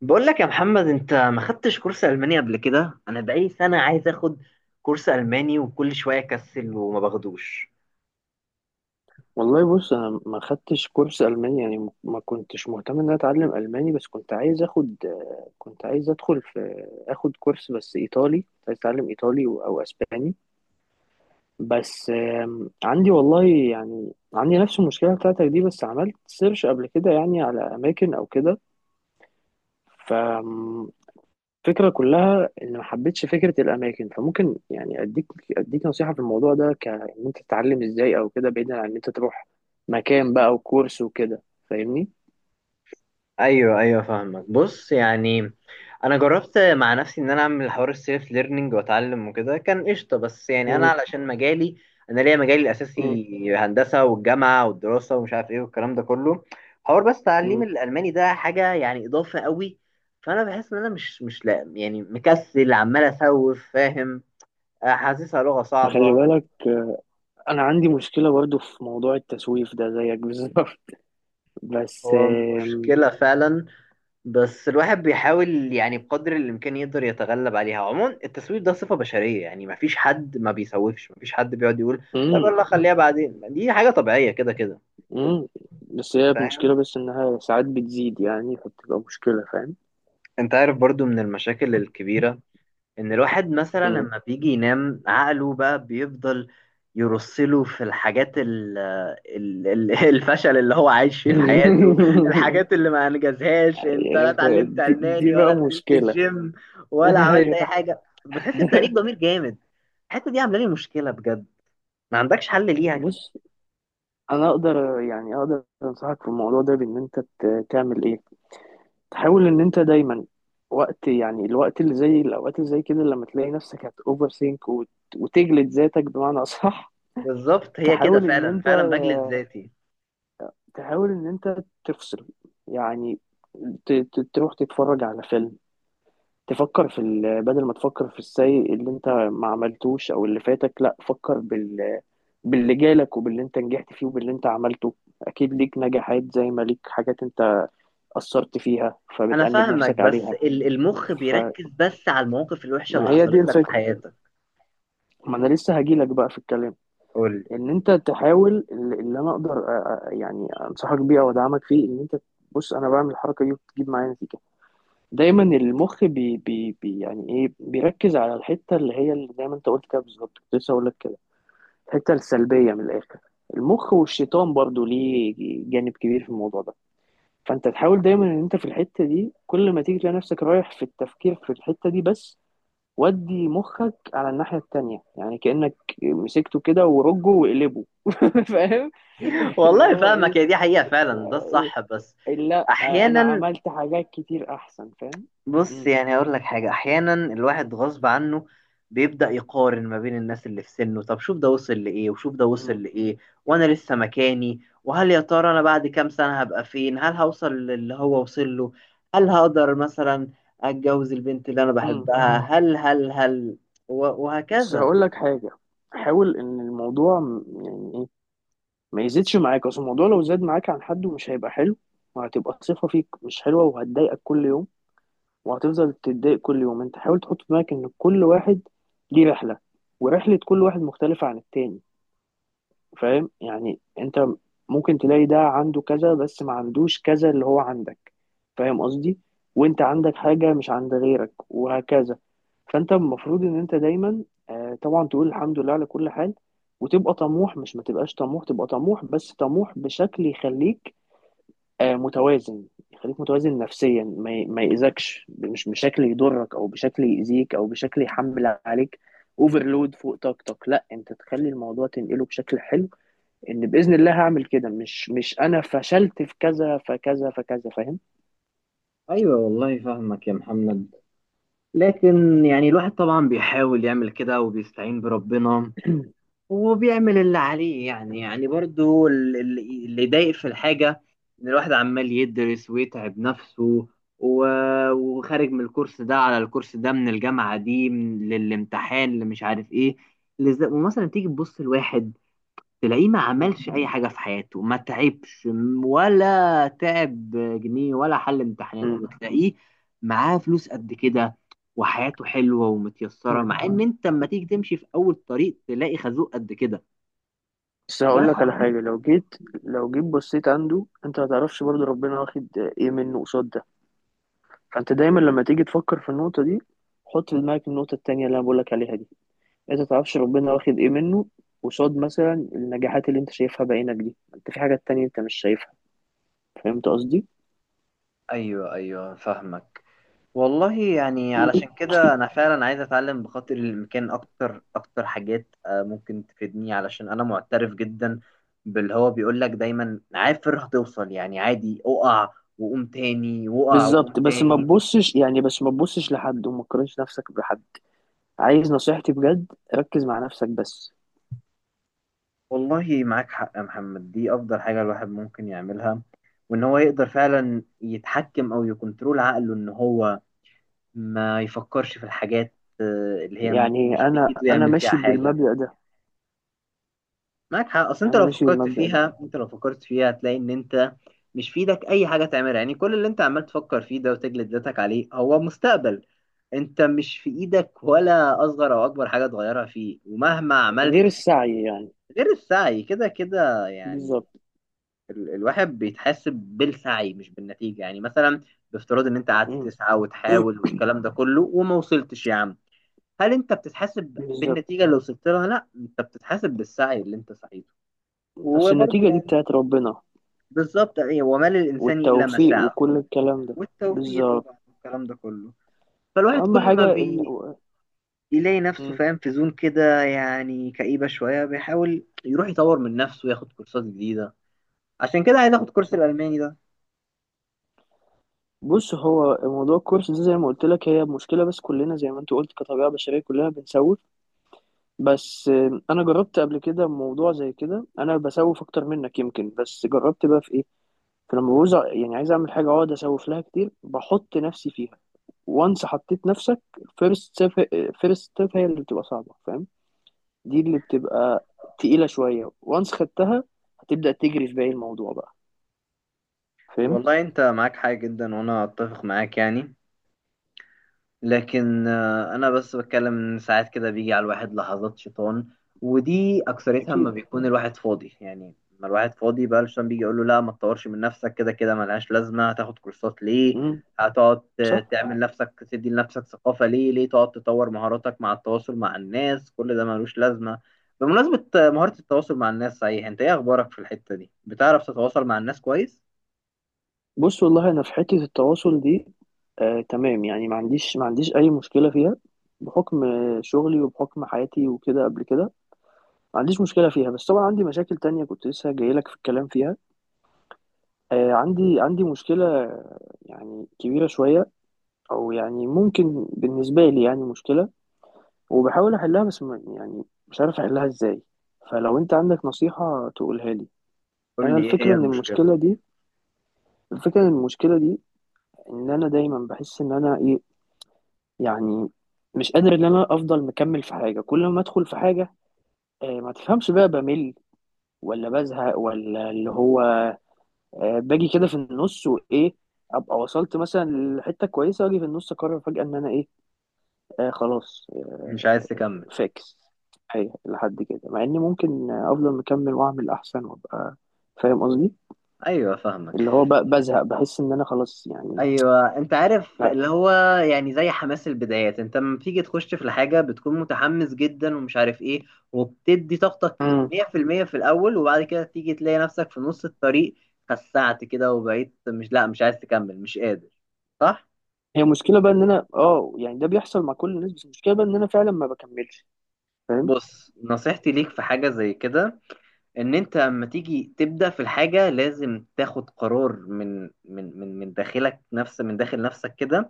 بقول لك يا محمد، انت ما خدتش كورس الماني قبل كده. انا بقالي سنه عايز اخد كورس الماني وكل شويه اكسل وما باخدوش. والله بص انا ما خدتش كورس الماني يعني ما كنتش مهتم ان أنا اتعلم الماني بس كنت عايز اخد كنت عايز ادخل في اخد كورس بس ايطالي كنت عايز اتعلم ايطالي او اسباني. بس عندي والله، يعني عندي نفس المشكله بتاعتك دي. بس عملت سيرش قبل كده يعني على اماكن او كده. الفكرة كلها إن ما حبيتش فكرة الأماكن، فممكن يعني أديك نصيحة في الموضوع ده، كإن أنت تتعلم إزاي أو كده، بعيدا عن إن أنت تروح مكان بقى وكورس وكده. فاهمني؟ ايوه ايوه فاهمك. بص يعني انا جربت مع نفسي ان انا اعمل حوار السيلف ليرنينج واتعلم وكده كان قشطه، بس يعني انا مم. علشان مجالي، انا ليا مجالي مم. الاساسي هندسه والجامعه والدراسه ومش عارف ايه والكلام ده كله، حوار. بس تعليم مم. الالماني ده حاجه يعني اضافه قوي. فانا بحس ان انا مش لا يعني مكسل عمال اسوف، فاهم؟ حاسسها لغة ما خلي صعبة. بالك. آه، أنا عندي مشكلة برضو في موضوع التسويف ده زيك بالظبط. بس هو آم، مشكلة فعلا، بس الواحد بيحاول يعني بقدر الإمكان يقدر يتغلب عليها. عموما التسويف ده صفة بشرية، يعني مفيش حد ما بيسوفش، مفيش حد بيقعد يقول طب مم. يلا خليها بعدين. دي حاجة طبيعية كده كده. مم. بس هي مشكلة، فاهم. بس إنها ساعات بتزيد يعني، فبتبقى مشكلة، فاهم؟ أنت عارف برضو من المشاكل الكبيرة ان الواحد مثلا مم. لما بيجي ينام عقله بقى بيفضل يرسله في الحاجات الفشل اللي هو عايش فيه في حياته، الحاجات اللي ما انجزهاش. انت لا اتعلمت دي الماني بقى ولا نزلت مشكلة. الجيم ولا عملت اي أيوه. حاجه، بتحس بتأنيب ضمير جامد. الحته دي عامله لي مشكله بجد، ما عندكش حل ليها؟ بص انا اقدر يعني اقدر انصحك في الموضوع ده بان انت تعمل ايه. تحاول ان انت دايما وقت، يعني الوقت اللي زي الاوقات اللي زي كده، لما تلاقي نفسك هت اوفر ثينك وتجلد ذاتك بمعنى اصح، بالظبط، هي كده تحاول ان فعلا، انت، فعلا بجلد ذاتي. تحاول ان انت تفصل يعني، تروح تتفرج على فيلم، تفكر في ال، بدل ما تفكر في السيء اللي انت ما عملتوش او اللي فاتك، لا فكر بال، باللي جالك وباللي انت نجحت فيه وباللي انت عملته. اكيد ليك نجاحات زي ما ليك حاجات انت اثرت فيها انا فبتأنب فاهمك، نفسك بس عليها. المخ بيركز بس على المواقف الوحشه فما اللي هي دي حصلت لك في الفكرة، حياتك. ما انا لسه هجيلك بقى في الكلام. قول. ان انت تحاول، اللي انا اقدر يعني انصحك بيه او ادعمك فيه ان انت، بص انا بعمل الحركة دي وبتجيب معايا نتيجة. دايما المخ بي يعني ايه، بيركز على الحتة اللي هي اللي زي ما انت قلت كده بالظبط، كنت لسه اقول لك كده. الحتة السلبية من الاخر، المخ والشيطان برضو ليه جانب كبير في الموضوع ده. فانت تحاول دايما ان انت في الحته دي كل ما تيجي تلاقي نفسك رايح في التفكير في الحته دي بس، ودي مخك على الناحيه التانية، يعني كانك مسكته كده ورجه وقلبه. فاهم. اللي والله هو ايه. فاهمك، هي دي حقيقة فعلا، ده إيه؟ الصح. بس إيه، لا انا أحيانا، عملت حاجات كتير احسن، فاهم. بص مم. يعني أقول لك حاجة، أحيانا الواحد غصب عنه بيبدأ يقارن ما بين الناس اللي في سنه. طب شوف ده وصل لإيه وشوف ده وصل مم. لإيه وأنا لسه مكاني، وهل يا ترى أنا بعد كام سنة هبقى فين؟ هل هوصل للي هو وصل له؟ هل هقدر مثلا أتجوز البنت اللي أنا مم. بحبها؟ هل بس وهكذا. هقول لك حاجه، حاول ان الموضوع يعني ايه، ما يزيدش معاك، اصل الموضوع لو زاد معاك عن حد مش هيبقى حلو، وهتبقى صفه فيك مش حلوه وهتضايقك كل يوم، وهتفضل تتضايق كل يوم. انت حاول تحط في دماغك ان كل واحد ليه رحلة، ورحلة كل واحد مختلفة عن التاني. فاهم؟ يعني انت ممكن تلاقي ده عنده كذا بس ما عندوش كذا اللي هو عندك، فاهم قصدي؟ وانت عندك حاجة مش عند غيرك وهكذا. فانت المفروض ان انت دايما آه، طبعا تقول الحمد لله على كل حال، وتبقى طموح، مش ما تبقاش طموح، تبقى طموح بس طموح بشكل يخليك آه، متوازن، يخليك متوازن نفسيا، ما يأذكش، مش بشكل يضرك او بشكل يأذيك او بشكل يحمل عليك اوفرلود فوق طاقتك. لا انت تخلي الموضوع تنقله بشكل حلو، ان بإذن الله هعمل كده، مش انا فشلت في كذا فكذا فكذا، فاهم. ايوه والله فاهمك يا محمد، لكن يعني الواحد طبعا بيحاول يعمل كده وبيستعين بربنا وبيعمل اللي عليه، يعني يعني برضو اللي يضايق في الحاجة، إن الواحد عمال يدرس ويتعب نفسه و- وخارج من الكورس ده على الكورس ده، من الجامعة دي، من للامتحان اللي مش عارف إيه، ومثلا تيجي تبص لواحد تلاقيه ما مم. عملش أي حاجة في حياته، ما تعبش ولا تعب جنيه ولا حل امتحاناته، مم. وتلاقيه معاه فلوس قد كده وحياته حلوة ومتيسرة، مم. مع إن أنت لما تيجي تمشي في أول طريق تلاقي خازوق قد كده. بس ده هقول لك على حاجة، لو جيت بصيت عنده، انت ما تعرفش برضه ربنا واخد ايه منه قصاد ده. فانت دايما لما تيجي تفكر في النقطة دي، حط في دماغك النقطة التانية اللي انا بقول لك عليها دي، انت متعرفش ربنا واخد ايه منه قصاد مثلا النجاحات اللي انت شايفها بعينك دي، انت في حاجات تانية انت مش شايفها. فهمت قصدي؟ ايوه ايوه فاهمك. والله يعني علشان كده انا فعلا عايز اتعلم بخاطر المكان اكتر، اكتر حاجات ممكن تفيدني، علشان انا معترف جدا باللي هو بيقول لك دايما عافر هتوصل. يعني عادي اقع وقوم تاني، واقع وقوم بالظبط. بس ما تاني. تبصش يعني، بس ما تبصش لحد وما تقارنش نفسك بحد. عايز نصيحتي بجد، ركز مع نفسك بس. والله معاك حق يا محمد، دي افضل حاجة الواحد ممكن يعملها، وان هو يقدر فعلا يتحكم او يكنترول عقله ان هو ما يفكرش في الحاجات اللي هي يعني مش انا بايده انا يعمل فيها ماشي حاجة. بالمبدأ ده. معاك حق، اصل انت انا لو ماشي فكرت بالمبدأ ده. فيها، انت لو فكرت فيها هتلاقي ان انت مش في ايدك اي حاجه تعملها. يعني كل اللي انت عمال تفكر فيه ده وتجلد ذاتك عليه هو مستقبل انت مش في ايدك ولا اصغر او اكبر حاجه تغيرها فيه، ومهما عملت غير السعي يعني. غير السعي كده كده يعني. بالظبط. الواحد بيتحاسب بالسعي مش بالنتيجه. يعني مثلا بافتراض ان انت قعدت مم. تسعى وتحاول والكلام ده كله وما وصلتش يا عم، هل انت بتتحاسب بالظبط. بالنتيجه اللي وصلت لها؟ لا، انت بتتحاسب بالسعي اللي انت سعيته. اصل وبرضه النتيجة دي يعني بتاعت ربنا بالظبط، ايه، وما للانسان الا ما والتوفيق سعى. وكل الكلام ده. والتوفيق بالظبط. طبعا والكلام ده كله. فالواحد واهم كل ما حاجة ان بي يلاقي نفسه، مم. فاهم، في زون كده يعني كئيبه شويه، بيحاول يروح يطور من نفسه وياخد كورسات جديده. عشان كده عايز اخد كورس صح. الالماني ده. بص هو موضوع الكورس ده زي ما قلت لك، هي مشكلة بس كلنا زي ما انت قلت كطبيعة بشرية كلنا بنسوف. بس آه، انا جربت قبل كده موضوع زي كده، انا بسوف اكتر منك يمكن، بس جربت بقى في ايه. فلما بعوز يعني عايز اعمل حاجة اقعد اسوف لها كتير، بحط نفسي فيها، وانس حطيت نفسك فيرست ستيب، فيرست ستيب هي اللي بتبقى صعبة، فاهم. دي اللي بتبقى تقيلة شوية، وانس خدتها هتبدأ تجري في باقي الموضوع بقى. فهمت؟ والله انت معاك حاجه جدا وانا اتفق معاك يعني، لكن انا بس بتكلم ان ساعات كده بيجي على الواحد لحظات شيطان، ودي اكثرتها لما اكيد. بيكون الواحد فاضي. يعني لما الواحد فاضي بقى الشيطان بيجي يقول له لا ما تطورش من نفسك، كده كده ملهاش لازمه. هتاخد كورسات ليه؟ امم. هتقعد صح. تعمل نفسك تدي لنفسك ثقافه ليه؟ ليه تقعد تطور مهاراتك مع التواصل مع الناس؟ كل ده ملوش لازمه. بمناسبه مهاره التواصل مع الناس، صحيح انت ايه اخبارك في الحته دي؟ بتعرف تتواصل مع الناس كويس؟ بص والله انا في حته التواصل دي آه تمام، يعني ما عنديش اي مشكله فيها، بحكم آه، شغلي وبحكم حياتي وكده قبل كده، ما عنديش مشكله فيها. بس طبعا عندي مشاكل تانية كنت لسه جاي لك في الكلام فيها. آه عندي مشكله آه، يعني كبيره شويه، او يعني ممكن بالنسبه لي يعني مشكله، وبحاول احلها بس يعني مش عارف احلها ازاي. فلو انت عندك نصيحه تقولها لي. قول انا لي ايه الفكره هي ان المشكله. المشكله دي، الفكره ان المشكله دي ان انا دايما بحس ان انا ايه، يعني مش قادر ان انا افضل مكمل في حاجه. كل ما ادخل في حاجه آه، ما تفهمش بقى بمل ولا بزهق، ولا اللي هو آه، باجي كده في النص وايه، ابقى وصلت مثلا لحته كويسه واجي في النص اقرر فجاه ان انا ايه، آه خلاص آه مش عايز تكمل. فاكس. ايوه لحد كده مع اني ممكن آه، افضل مكمل واعمل احسن وابقى، فاهم قصدي؟ ايوه فاهمك. اللي هو بزهق، بحس ان انا خلاص يعني. ايوه انت عارف لا. اللي هو، يعني زي حماس البدايات. انت لما بتيجي تخش في الحاجه بتكون متحمس جدا ومش عارف ايه، وبتدي طاقتك مم. 100% في المية في الاول، وبعد كده تيجي تلاقي نفسك في نص الطريق، خسعت كده وبقيت مش لا مش عايز تكمل، مش قادر. صح. هي مشكله بقى ان انا اه يعني، ده بيحصل مع كل الناس بس المشكله بقى ان انا فعلا ما بكملش، فاهم. بص نصيحتي ليك في حاجه زي كده، ان انت اما تيجي تبدأ في الحاجة لازم تاخد قرار من داخل نفسك كده،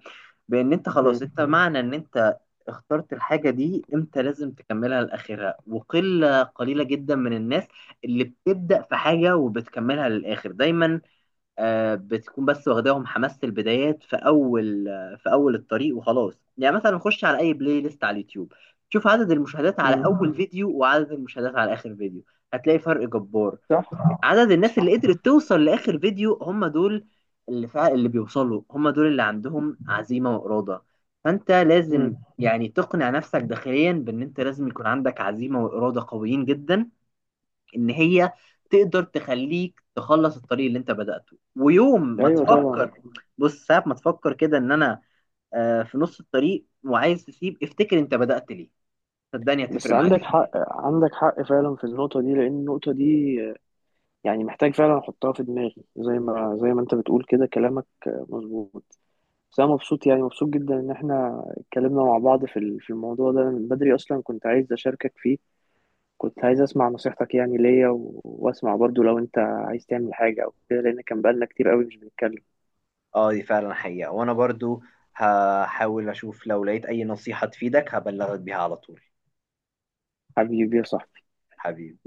بان انت خلاص، انت معنى ان انت اخترت الحاجة دي انت لازم تكملها لاخرها. وقلة قليلة جدا من الناس اللي بتبدأ في حاجة وبتكملها للاخر. دايما بتكون بس واخداهم حماس البدايات في اول، في اول الطريق وخلاص. يعني مثلا خش على اي بلاي ليست على اليوتيوب، شوف عدد المشاهدات على مم. اول فيديو وعدد المشاهدات على اخر فيديو، هتلاقي فرق جبار. صح. عدد الناس اللي صح. قدرت توصل لاخر فيديو هم دول اللي فعلا اللي بيوصلوا، هم دول اللي عندهم عزيمة وإرادة. فانت مم. لازم يعني تقنع نفسك داخليا بان انت لازم يكون عندك عزيمة وإرادة قويين جدا، ان هي تقدر تخليك تخلص الطريق اللي انت بدأته. ويوم ما ايوه طبعا. تفكر، بص ساعة ما تفكر كده ان انا في نص الطريق وعايز تسيب، افتكر انت بدأت ليه. صدقني بس هتفرق معاك. عندك حق، عندك حق فعلا في النقطة دي، لأن النقطة دي يعني محتاج فعلا أحطها في دماغي، زي ما أنت بتقول كده، كلامك مظبوط. بس أنا مبسوط يعني مبسوط جدا إن إحنا اتكلمنا مع بعض في في الموضوع ده. أنا من بدري أصلا كنت عايز أشاركك فيه، كنت عايز أسمع نصيحتك يعني ليا، و، وأسمع برضو لو أنت عايز تعمل حاجة أو كده، لأن كان بقالنا كتير قوي مش بنتكلم. اه دي فعلا حقيقة، وانا برضو هحاول اشوف لو لقيت اي نصيحة تفيدك هبلغك بيها على طول. حبيبي يا صاحبي. حبيبي.